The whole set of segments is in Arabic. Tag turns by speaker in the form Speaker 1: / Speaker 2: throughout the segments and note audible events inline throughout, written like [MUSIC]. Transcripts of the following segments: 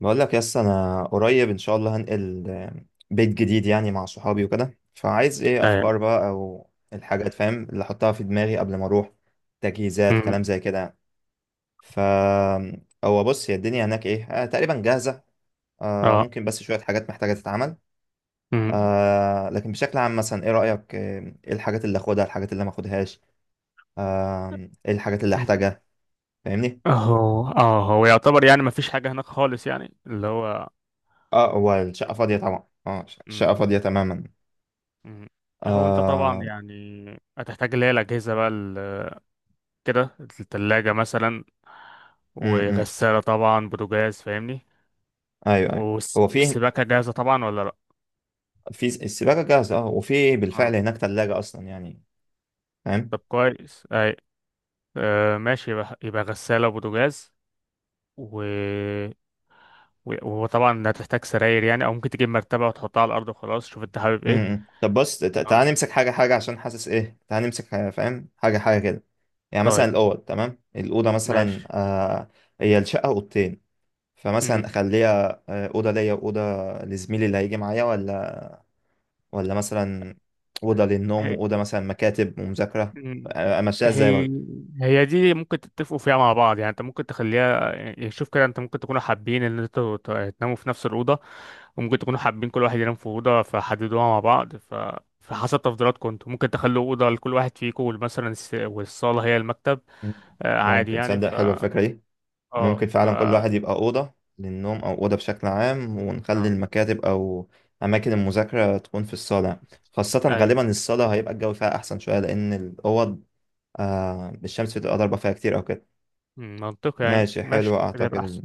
Speaker 1: بقول لك يس انا قريب ان شاء الله هنقل بيت جديد، يعني مع صحابي وكده. فعايز ايه؟
Speaker 2: ايوه.
Speaker 1: افكار بقى او الحاجات، فاهم، اللي احطها في دماغي قبل ما اروح. تجهيزات، كلام
Speaker 2: أمم.
Speaker 1: زي كده. ف هو بص، هي الدنيا هناك ايه؟ تقريبا جاهزة. آه،
Speaker 2: اه.
Speaker 1: ممكن بس شوية حاجات محتاجة تتعمل.
Speaker 2: أمم.
Speaker 1: آه، لكن بشكل عام مثلا ايه رأيك؟ ايه الحاجات اللي اخدها، الحاجات اللي ما اخدهاش، آه ايه الحاجات اللي
Speaker 2: أمم.
Speaker 1: احتاجها؟ فاهمني؟
Speaker 2: هو يعتبر يعني ما فيش حاجة هناك خالص يعني اللي هو.
Speaker 1: اه، هو الشقة فاضية طبعا. اه،
Speaker 2: أمم.
Speaker 1: الشقة فاضية تماما.
Speaker 2: أمم. هو انت طبعا
Speaker 1: آه.
Speaker 2: يعني هتحتاج اللي هي الأجهزة بقى كده. التلاجة مثلا
Speaker 1: م- م-
Speaker 2: وغسالة طبعا بوتاجاز فاهمني.
Speaker 1: ايوه ايوه. هو في
Speaker 2: والسباكة جاهزة طبعا ولا لأ؟
Speaker 1: في السباكه جاهزه اه، وفي
Speaker 2: اه
Speaker 1: بالفعل هناك ثلاجه اصلا، يعني. فاهم.
Speaker 2: طب كويس. اي، آه ماشي. يبقى غسالة وبوتاجاز. و و- وطبعا هتحتاج سراير يعني، او ممكن تجيب مرتبة وتحطها على الارض وخلاص. شوف انت حابب
Speaker 1: امم.
Speaker 2: ايه.
Speaker 1: إمم. طب بص، تعال
Speaker 2: اه
Speaker 1: نمسك حاجه عشان حاسس ايه. تعال نمسك حاجة، فاهم، حاجه كده. يعني مثلا
Speaker 2: طيب
Speaker 1: الاوض تمام، الاوضه مثلا
Speaker 2: ماشي.
Speaker 1: آه، هي الشقه اوضتين. فمثلا
Speaker 2: مم.
Speaker 1: اخليها اوضه ليا واوضه لزميلي اللي هيجي معايا، ولا ولا مثلا اوضه للنوم
Speaker 2: هي
Speaker 1: واوضه مثلا مكاتب ومذاكره.
Speaker 2: مم.
Speaker 1: آه، امشيها ازاي
Speaker 2: هي
Speaker 1: برضه؟
Speaker 2: هي دي ممكن تتفقوا فيها مع بعض يعني. انت ممكن تخليها يعني، شوف كده، انت ممكن تكونوا حابين ان انتوا تناموا في نفس الأوضة، وممكن تكونوا حابين كل واحد ينام في أوضة، فحددوها مع بعض. فحسب تفضيلاتكم انتوا ممكن تخلوا أوضة لكل واحد فيكم، مثلا والصالة هي المكتب.
Speaker 1: مم.
Speaker 2: آه، عادي
Speaker 1: ممكن،
Speaker 2: يعني.
Speaker 1: تصدق
Speaker 2: ف
Speaker 1: حلوه الفكره دي.
Speaker 2: اه
Speaker 1: ممكن
Speaker 2: ف
Speaker 1: فعلا كل واحد يبقى أوضة للنوم أو أوضة بشكل عام، ونخلي
Speaker 2: لا.
Speaker 1: المكاتب أو أماكن المذاكرة تكون في الصالة، خاصة
Speaker 2: ايوه.
Speaker 1: غالبا الصالة هيبقى الجو فيها أحسن شوية، لأن الأوض آه الشمس بتبقى ضاربة فيها كتير أو كده.
Speaker 2: مم، منطقي يعني،
Speaker 1: ماشي،
Speaker 2: ماشي
Speaker 1: حلو،
Speaker 2: كده يبقى
Speaker 1: أعتقد
Speaker 2: احسن.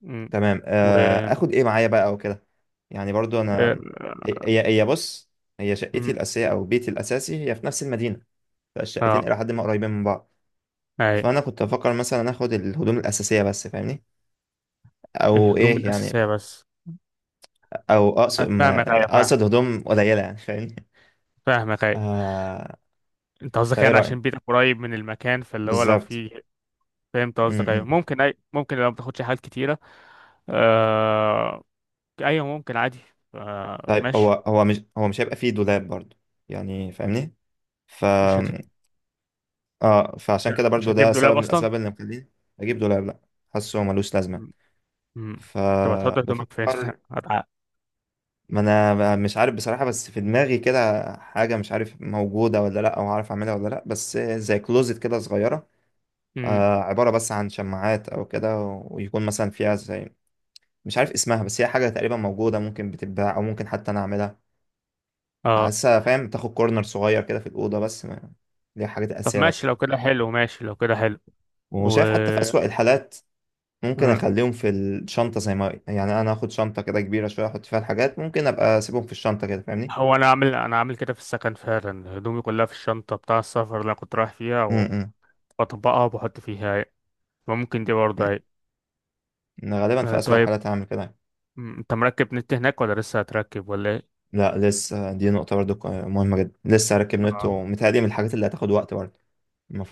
Speaker 2: مم.
Speaker 1: تمام.
Speaker 2: و
Speaker 1: آه، آخد إيه معايا بقى أو كده؟ يعني برضو
Speaker 2: آه،
Speaker 1: أنا، هي بص، هي شقتي
Speaker 2: مم.
Speaker 1: الأساسية أو بيتي الأساسي هي في نفس المدينة. فالشقتين
Speaker 2: اه
Speaker 1: إلى حد ما قريبين من بعض.
Speaker 2: أيوة.
Speaker 1: فأنا كنت أفكر مثلا آخد الهدوم الأساسية بس، فاهمني؟ أو
Speaker 2: الهدوم
Speaker 1: إيه يعني؟
Speaker 2: الأساسية بس.
Speaker 1: او اقصد
Speaker 2: فاهمك
Speaker 1: ما-
Speaker 2: أيوة فاهم.
Speaker 1: اقصد هدوم قليله يعني، فاهمني؟
Speaker 2: فاهمك أيوة.
Speaker 1: آه،
Speaker 2: أنت قصدك
Speaker 1: فايه
Speaker 2: يعني
Speaker 1: رايك؟
Speaker 2: عشان بيتك قريب من المكان، فاللي هو لو
Speaker 1: بالظبط.
Speaker 2: في. فهمت
Speaker 1: م-
Speaker 2: قصدك أيوة.
Speaker 1: م.
Speaker 2: ممكن، أي ممكن لو ما بتاخدش حاجات كتيرة. آه، أيوة ممكن عادي. آه،
Speaker 1: طيب، هو
Speaker 2: ماشي.
Speaker 1: هو مش هو مش هيبقى فيه دولاب برضو، يعني فاهمني؟ ف
Speaker 2: مش هت...
Speaker 1: اه،
Speaker 2: مش,
Speaker 1: فعشان
Speaker 2: ه...
Speaker 1: كده
Speaker 2: مش
Speaker 1: برضو ده
Speaker 2: هتجيب دولاب
Speaker 1: سبب من
Speaker 2: أصلا.
Speaker 1: الاسباب اللي مخليني اجيب دولاب، لا. حاسه هو ملوش لازمه.
Speaker 2: م. م. طب هتحط هدومك فين؟
Speaker 1: فبفكر،
Speaker 2: [LAUGHS] هتع-
Speaker 1: ما انا مش عارف بصراحه. بس في دماغي كده حاجه، مش عارف موجوده ولا لا، او عارف اعملها ولا لا، بس زي كلوزت كده صغيره.
Speaker 2: م.
Speaker 1: آه، عباره بس عن شماعات او كده، ويكون مثلا فيها زي، مش عارف اسمها، بس هي حاجة تقريبا موجودة، ممكن بتتباع أو ممكن حتى أنا أعملها.
Speaker 2: اه
Speaker 1: فحاسسها، فاهم، تاخد كورنر صغير كده في الأوضة، بس ما دي حاجات
Speaker 2: طب
Speaker 1: أساسية
Speaker 2: ماشي
Speaker 1: بس.
Speaker 2: لو كده حلو، ماشي لو كده حلو. و
Speaker 1: وشايف حتى في أسوأ الحالات ممكن
Speaker 2: م.
Speaker 1: أخليهم في الشنطة، زي ما، يعني أنا هاخد شنطة كده كبيرة شوية أحط فيها الحاجات، ممكن أبقى أسيبهم في الشنطة كده، فاهمني؟
Speaker 2: هو انا عامل كده في السكن فعلا، هدومي كلها في الشنطه بتاع السفر اللي انا كنت رايح فيها.
Speaker 1: امم.
Speaker 2: بطبقها وبحط فيها هاي. ممكن دي برضه هاي.
Speaker 1: أنا غالبا
Speaker 2: آه
Speaker 1: في أسوأ
Speaker 2: طيب.
Speaker 1: الحالات هعمل كده.
Speaker 2: م، انت مركب نت هناك ولا لسه هتركب ولا ايه؟
Speaker 1: لا، لسه. دي نقطة برضو مهمة جدا. لسه هركب نت،
Speaker 2: آه.
Speaker 1: ومتهيألي من الحاجات اللي هتاخد وقت برضو.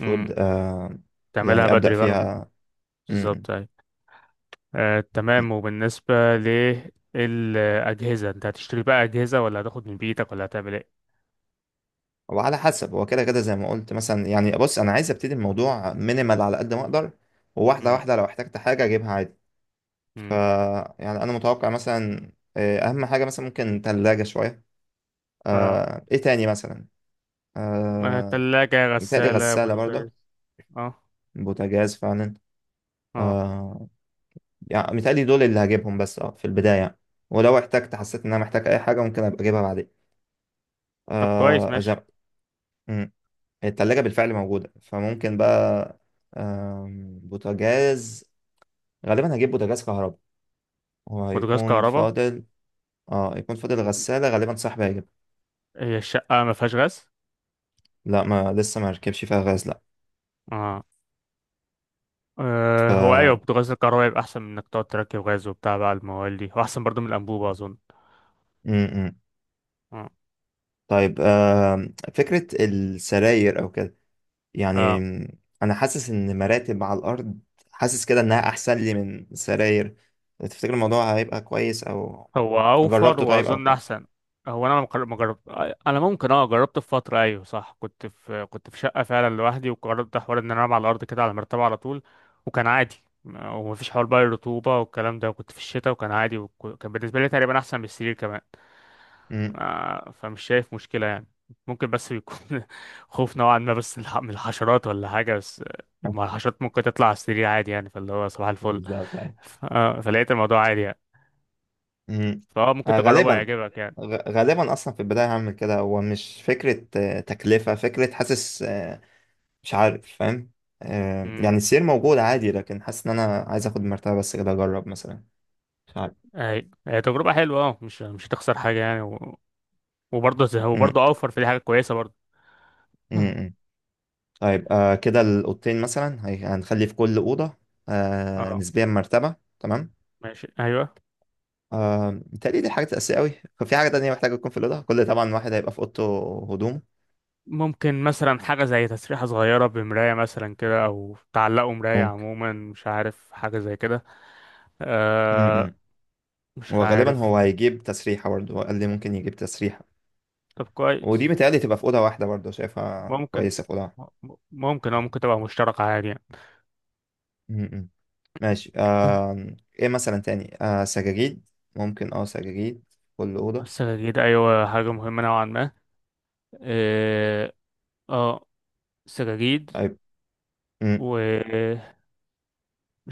Speaker 2: م،
Speaker 1: آه،
Speaker 2: تعملها
Speaker 1: يعني أبدأ
Speaker 2: بدري بقى.
Speaker 1: فيها. م- م.
Speaker 2: بالظبط هاي. آه تمام. وبالنسبة للأجهزة، انت هتشتري بقى أجهزة ولا هتاخد من بيتك ولا هتعمل ايه؟
Speaker 1: هو على حسب. هو كده كده زي ما قلت مثلا، يعني بص انا عايز ابتدي الموضوع مينيمال على قد ما اقدر، وواحده
Speaker 2: م،
Speaker 1: واحده لو احتجت حاجه اجيبها عادي. ف
Speaker 2: م،
Speaker 1: يعني انا متوقع مثلا اهم حاجه مثلا ممكن ثلاجه شويه.
Speaker 2: اه.
Speaker 1: آه، ايه تاني مثلا؟
Speaker 2: آه،
Speaker 1: آه،
Speaker 2: تلاجة
Speaker 1: متهيألي
Speaker 2: غسالة
Speaker 1: غساله
Speaker 2: بوتاجاز.
Speaker 1: برضه،
Speaker 2: اه.
Speaker 1: بوتاجاز فعلا.
Speaker 2: اه.
Speaker 1: آه، يعني متهيألي دول اللي هجيبهم بس اه في البدايه يعني. ولو احتجت،
Speaker 2: آه.
Speaker 1: حسيت ان انا محتاج اي حاجه، ممكن ابقى اجيبها بعدين.
Speaker 2: طب كويس
Speaker 1: آه، زي
Speaker 2: ماشي.
Speaker 1: التلاجة بالفعل موجودة، فممكن بقى آم، بوتاجاز. غالبا هجيب بوتاجاز كهرباء،
Speaker 2: بوتاجاز
Speaker 1: وهيكون
Speaker 2: كهرباء.
Speaker 1: فاضل. اه، يكون فاضل غسالة غالبا صاحبي هيجيب.
Speaker 2: هي الشقة ما فيهاش غاز؟
Speaker 1: لا، ما لسه ما ركبش فيها غاز، لا.
Speaker 2: اه
Speaker 1: ف
Speaker 2: أه. هو أيوة بوتاجاز الكهرباء يبقى أحسن من إنك تقعد تركب غاز وبتاع بقى الموال دي، وأحسن برضو من الأنبوبة أظن.
Speaker 1: م- م.
Speaker 2: أه
Speaker 1: طيب آم، فكرة السراير او كده، يعني
Speaker 2: أه.
Speaker 1: م، انا حاسس ان مراتب على الارض حاسس كده انها احسن لي من سراير. تفتكر الموضوع هيبقى كويس او
Speaker 2: هو أوفر
Speaker 1: جربته طيب او
Speaker 2: وأظن
Speaker 1: كده؟
Speaker 2: أحسن. هو أنا مقر- ما جرب. أنا ممكن أه جربت في فترة، أيوة صح، كنت في شقة فعلا لوحدي، وجربت حوار إن أنا أنام على الأرض كده على المرتبة على طول. وكان عادي. ومفيش حوار بقى الرطوبة والكلام ده، وكنت في الشتاء وكان عادي. وكان بالنسبة لي تقريبا أحسن من السرير كمان.
Speaker 1: م.
Speaker 2: آه، فمش شايف مشكلة يعني. ممكن بس يكون [LAUGHS] خوف نوعا ما بس من الحشرات ولا حاجة، بس آه، ما
Speaker 1: [LAUGHS]
Speaker 2: الحشرات ممكن تطلع على السرير عادي يعني، فاللي هو صباح الفل.
Speaker 1: بالظبط.
Speaker 2: آه، فلقيت الموضوع عادي يعني.
Speaker 1: مم.
Speaker 2: فهو ممكن
Speaker 1: آه،
Speaker 2: تجربه،
Speaker 1: غالبا،
Speaker 2: هيعجبك يعني.
Speaker 1: غالبا اصلا في البدايه هعمل كده. هو مش فكره تكلفه فكره، حاسس آه، مش عارف، فاهم؟ آه،
Speaker 2: امم.
Speaker 1: يعني السير موجود عادي، لكن حاسس ان انا عايز اخد مرتبه بس كده اجرب مثلا. مش عارف.
Speaker 2: هي تجربة حلوة اه، مش هتخسر حاجة يعني، و...
Speaker 1: مم.
Speaker 2: وبرضه اوفر في، دي حاجة كويسة برضه.
Speaker 1: مم.
Speaker 2: مم.
Speaker 1: مم. طيب آه، كده الاوضتين مثلا هنخلي في كل اوضه آه،
Speaker 2: اه
Speaker 1: نسبيا مرتبه، تمام.
Speaker 2: ماشي ايوه.
Speaker 1: آه، متهيألي دي حاجة أساسية أوي. في حاجة تانية محتاجة تكون في الأوضة؟ كل طبعا واحد هيبقى في أوضته. هدوم.
Speaker 2: ممكن مثلا حاجة زي تسريحة صغيرة بمراية مثلا كده، او تعلقوا مراية
Speaker 1: ممكن.
Speaker 2: عموما، مش عارف، حاجة زي كده.
Speaker 1: م-
Speaker 2: آه،
Speaker 1: م.
Speaker 2: مش
Speaker 1: وغالبا
Speaker 2: عارف.
Speaker 1: هو هيجيب تسريحة برضه، هو قال لي ممكن يجيب تسريحة.
Speaker 2: طب
Speaker 1: ودي
Speaker 2: كويس.
Speaker 1: متهيألي تبقى في أوضة واحدة برضه، شايفها
Speaker 2: ممكن،
Speaker 1: كويسة في أوضة واحدة.
Speaker 2: ممكن او ممكن تبقى مشتركة عادي يعني.
Speaker 1: م- م. ماشي. آه، إيه مثلا تاني؟ آه، سجاجيد. ممكن أه سجاجيد، كل أوضة.
Speaker 2: السجاجيد ايوه، حاجة مهمة نوعا ما. اه. آه، سجاجيد.
Speaker 1: طيب. م.
Speaker 2: ومش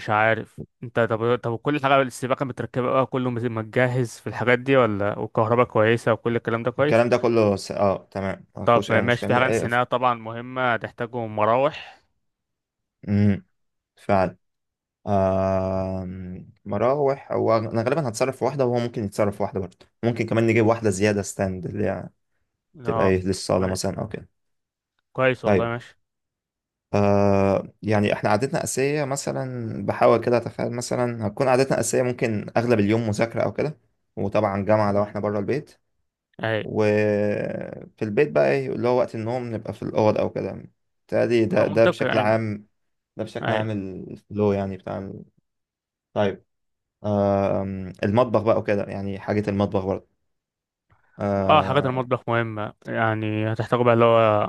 Speaker 2: عارف انت، طب كل حاجة السباكة متركبة بقى، كله متجهز في الحاجات دي ولا؟ والكهرباء كويسة وكل الكلام ده كويس؟
Speaker 1: الكلام ده كله س أه تمام،
Speaker 2: طب
Speaker 1: مفهوش أي
Speaker 2: ماشي. في
Speaker 1: مشكلة.
Speaker 2: حاجة
Speaker 1: إيه ف
Speaker 2: نسيناها طبعا مهمة هتحتاجهم، مراوح.
Speaker 1: م. فعلا. آه، مراوح. هو أنا غالبا هتصرف في واحدة وهو ممكن يتصرف في واحدة برضه، ممكن كمان نجيب واحدة زيادة ستاند، اللي هي تبقى
Speaker 2: اه
Speaker 1: إيه،
Speaker 2: طب
Speaker 1: للصالة
Speaker 2: كويس.
Speaker 1: مثلا أو كده.
Speaker 2: كويس والله،
Speaker 1: طيب.
Speaker 2: ماشي.
Speaker 1: آه، يعني احنا عادتنا أساسية مثلا، بحاول كده أتخيل مثلا هتكون عادتنا أساسية. ممكن أغلب اليوم مذاكرة أو كده، وطبعا جامعة لو
Speaker 2: مم.
Speaker 1: احنا بره البيت.
Speaker 2: اي.
Speaker 1: وفي البيت بقى إيه اللي هو وقت النوم نبقى في الأوض أو كده. تادي
Speaker 2: ما
Speaker 1: ده
Speaker 2: منطقي
Speaker 1: بشكل
Speaker 2: يعني.
Speaker 1: عام. بشكل
Speaker 2: اي.
Speaker 1: عام الفلو يعني بتاع ال- طيب آم، المطبخ بقى وكده. يعني حاجة المطبخ برضه
Speaker 2: اه حاجات
Speaker 1: آه.
Speaker 2: المطبخ مهمة يعني، هتحتاجوا بقى اللي هو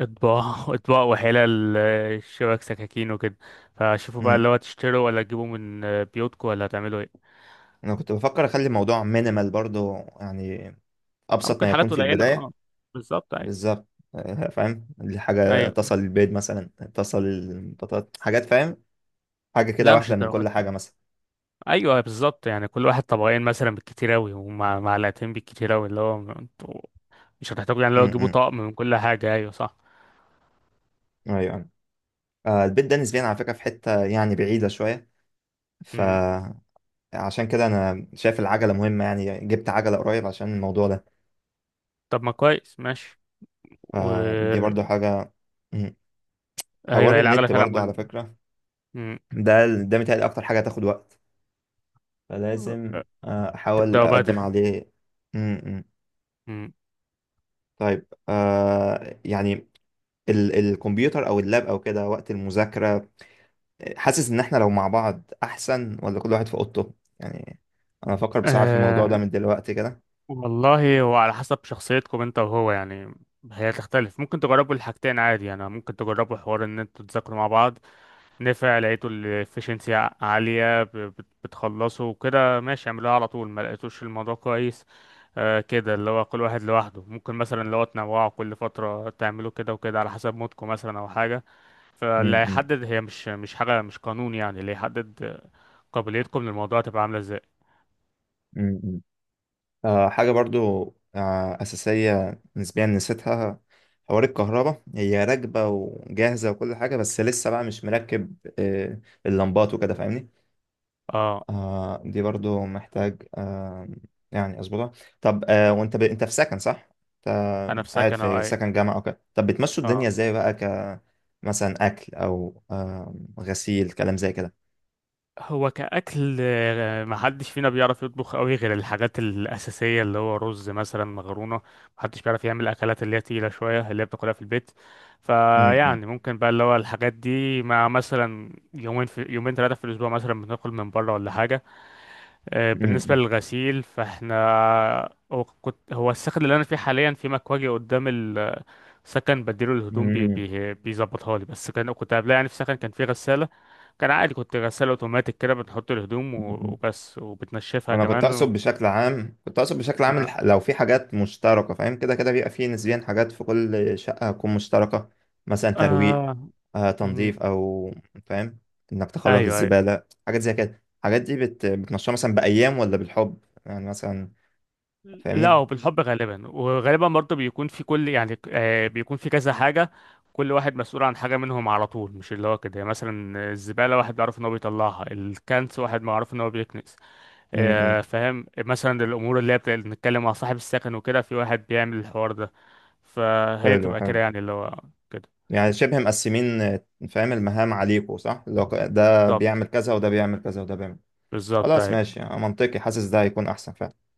Speaker 2: اطباق [LAUGHS] اطباق وحلال آه، شبك سكاكين وكده. فشوفوا بقى
Speaker 1: مم.
Speaker 2: اللي هو تشتروا ولا تجيبوا من آه، بيوتكم ولا هتعملوا ايه.
Speaker 1: أنا كنت بفكر أخلي الموضوع مينيمال برضه يعني،
Speaker 2: آه،
Speaker 1: أبسط
Speaker 2: ممكن
Speaker 1: ما يكون
Speaker 2: حاجات
Speaker 1: في
Speaker 2: قليلة اه.
Speaker 1: البداية.
Speaker 2: بالظبط ايوه
Speaker 1: بالظبط. آه، فاهم، دي حاجة
Speaker 2: ايوه.
Speaker 1: تصل البيض مثلا، تصل البطاط، حاجات فاهم، حاجة كده
Speaker 2: لا مش
Speaker 1: واحدة من
Speaker 2: الدرجات.
Speaker 1: كل حاجة مثلا.
Speaker 2: ايوه بالظبط، يعني كل واحد طبقين مثلا بالكتير اوي، ومع معلقتين بالكتير اوي، اللي هو انتوا مش هتحتاجوا يعني اللي هو تجيبوا
Speaker 1: امم.
Speaker 2: طقم من كل حاجة. ايوه صح.
Speaker 1: ايوه. آه، البيت ده نسبيا على فكرة في حتة يعني بعيدة شوية.
Speaker 2: مم.
Speaker 1: فعشان كده أنا شايف العجلة مهمة، يعني جبت عجلة قريب عشان الموضوع ده.
Speaker 2: طب ما كويس ماشي. و
Speaker 1: فدي برضو حاجة. مم. حوار
Speaker 2: ايوه، هي العجلة
Speaker 1: النت
Speaker 2: فعلا
Speaker 1: برضو على
Speaker 2: مهمة.
Speaker 1: فكرة،
Speaker 2: مم.
Speaker 1: ده متهيألي أكتر حاجة هتاخد وقت. فلازم آه، أحاول
Speaker 2: تبدأوا
Speaker 1: أقدم
Speaker 2: بدري.
Speaker 1: عليه. امم.
Speaker 2: مم.
Speaker 1: طيب آه، يعني الكمبيوتر او اللاب او كده وقت المذاكره، حاسس ان احنا لو مع بعض احسن، ولا كل واحد في اوضته؟ يعني انا بفكر بصراحه في الموضوع ده
Speaker 2: أه
Speaker 1: من دلوقتي كده.
Speaker 2: والله، هو على حسب شخصيتكم انت وهو يعني، هي تختلف. ممكن تجربوا الحاجتين عادي يعني. ممكن تجربوا حوار ان انتوا تذاكروا مع بعض، نفع لقيتوا الافشنسي عالية بتخلصوا وكده ماشي اعملوها على طول. ما لقيتوش الموضوع كويس أه كده، اللي هو كل واحد لوحده. ممكن مثلا اللي هو تنوعوا كل فترة تعملوا كده وكده على حسب مودكم مثلا او حاجة.
Speaker 1: م-
Speaker 2: فاللي
Speaker 1: م-
Speaker 2: هيحدد، هي مش حاجة، مش قانون يعني، اللي هيحدد قابليتكم للموضوع تبقى عاملة ازاي.
Speaker 1: م- م. آه، حاجه برضو آه اساسيه نسبيا نسيتها، حوار الكهرباء. هي راكبه وجاهزه وكل حاجه، بس لسه بقى مش مركب آه اللمبات وكده، فاهمني؟
Speaker 2: اه
Speaker 1: آه، دي برضو محتاج آه، يعني اظبطها. طب آه، وانت ب انت في سكن صح؟ انت
Speaker 2: انا في
Speaker 1: قاعد
Speaker 2: سكن او
Speaker 1: في
Speaker 2: اي.
Speaker 1: سكن جامعة او كده. طب بتمشوا الدنيا
Speaker 2: اه
Speaker 1: ازاي بقى ك مثلا اكل او آه غسيل، كلام زي كده؟
Speaker 2: هو كأكل آه، محدش فينا بيعرف يطبخ قوي غير الحاجات الأساسية، اللي هو رز مثلا، مكرونة. محدش بيعرف يعمل أكلات اللي هي تقيلة شوية اللي هي بتاكلها في البيت.
Speaker 1: م- م-
Speaker 2: فيعني ممكن بقى اللي هو الحاجات دي، مع مثلا يومين في يومين 3 في الأسبوع مثلا بناكل من بره ولا حاجة. آه، بالنسبة
Speaker 1: م-
Speaker 2: للغسيل فاحنا، هو السكن اللي انا فيه حاليا في مكواجي قدام السكن بديله الهدوم، بي
Speaker 1: م-
Speaker 2: بي بيظبطها لي. بس كان كنت قبلها يعني في السكن كان في غسالة. كان عادي. كنت غسالة اوتوماتيك كده، بنحط الهدوم
Speaker 1: م- م-
Speaker 2: وبس، وبتنشفها
Speaker 1: انا كنت
Speaker 2: كمان
Speaker 1: اقصد
Speaker 2: و...
Speaker 1: بشكل عام، كنت اقصد بشكل عام
Speaker 2: آه.
Speaker 1: لو في حاجات مشتركه، فاهم؟ كده كده بيبقى في نسبيا حاجات في كل شقه هتكون مشتركه. مثلا ترويق،
Speaker 2: آه.
Speaker 1: آه،
Speaker 2: مم.
Speaker 1: تنظيف او، فاهم، انك تخرج
Speaker 2: ايوه ايوه.
Speaker 1: الزباله، حاجات زي كده. الحاجات دي بت بتنشرها مثلا بايام ولا بالحب يعني مثلا؟
Speaker 2: لا
Speaker 1: فاهمني؟
Speaker 2: هو بالحب غالبا، وغالبا برضه بيكون في كل يعني آه، بيكون في كذا حاجة. كل واحد مسؤول عن حاجة منهم على طول، مش اللي هو كده يعني. مثلا الزبالة واحد بيعرف ان هو بيطلعها، الكنس واحد معروف ان هو بيكنس.
Speaker 1: امم. إمم.
Speaker 2: آه، فاهم مثلا الأمور اللي هي اللي بنتكلم مع صاحب السكن وكده في واحد بيعمل الحوار ده. فهي
Speaker 1: حلو،
Speaker 2: بتبقى
Speaker 1: حلو.
Speaker 2: كده يعني اللي هو كده.
Speaker 1: يعني شبه مقسمين آه، فاهم، المهام عليكوا صح؟ لو ده
Speaker 2: بالظبط،
Speaker 1: بيعمل كذا، وده بيعمل كذا، وده بيعمل.
Speaker 2: بالظبط
Speaker 1: خلاص
Speaker 2: اهي.
Speaker 1: ماشي، يعني منطقي. حاسس ده هيكون احسن فعلا.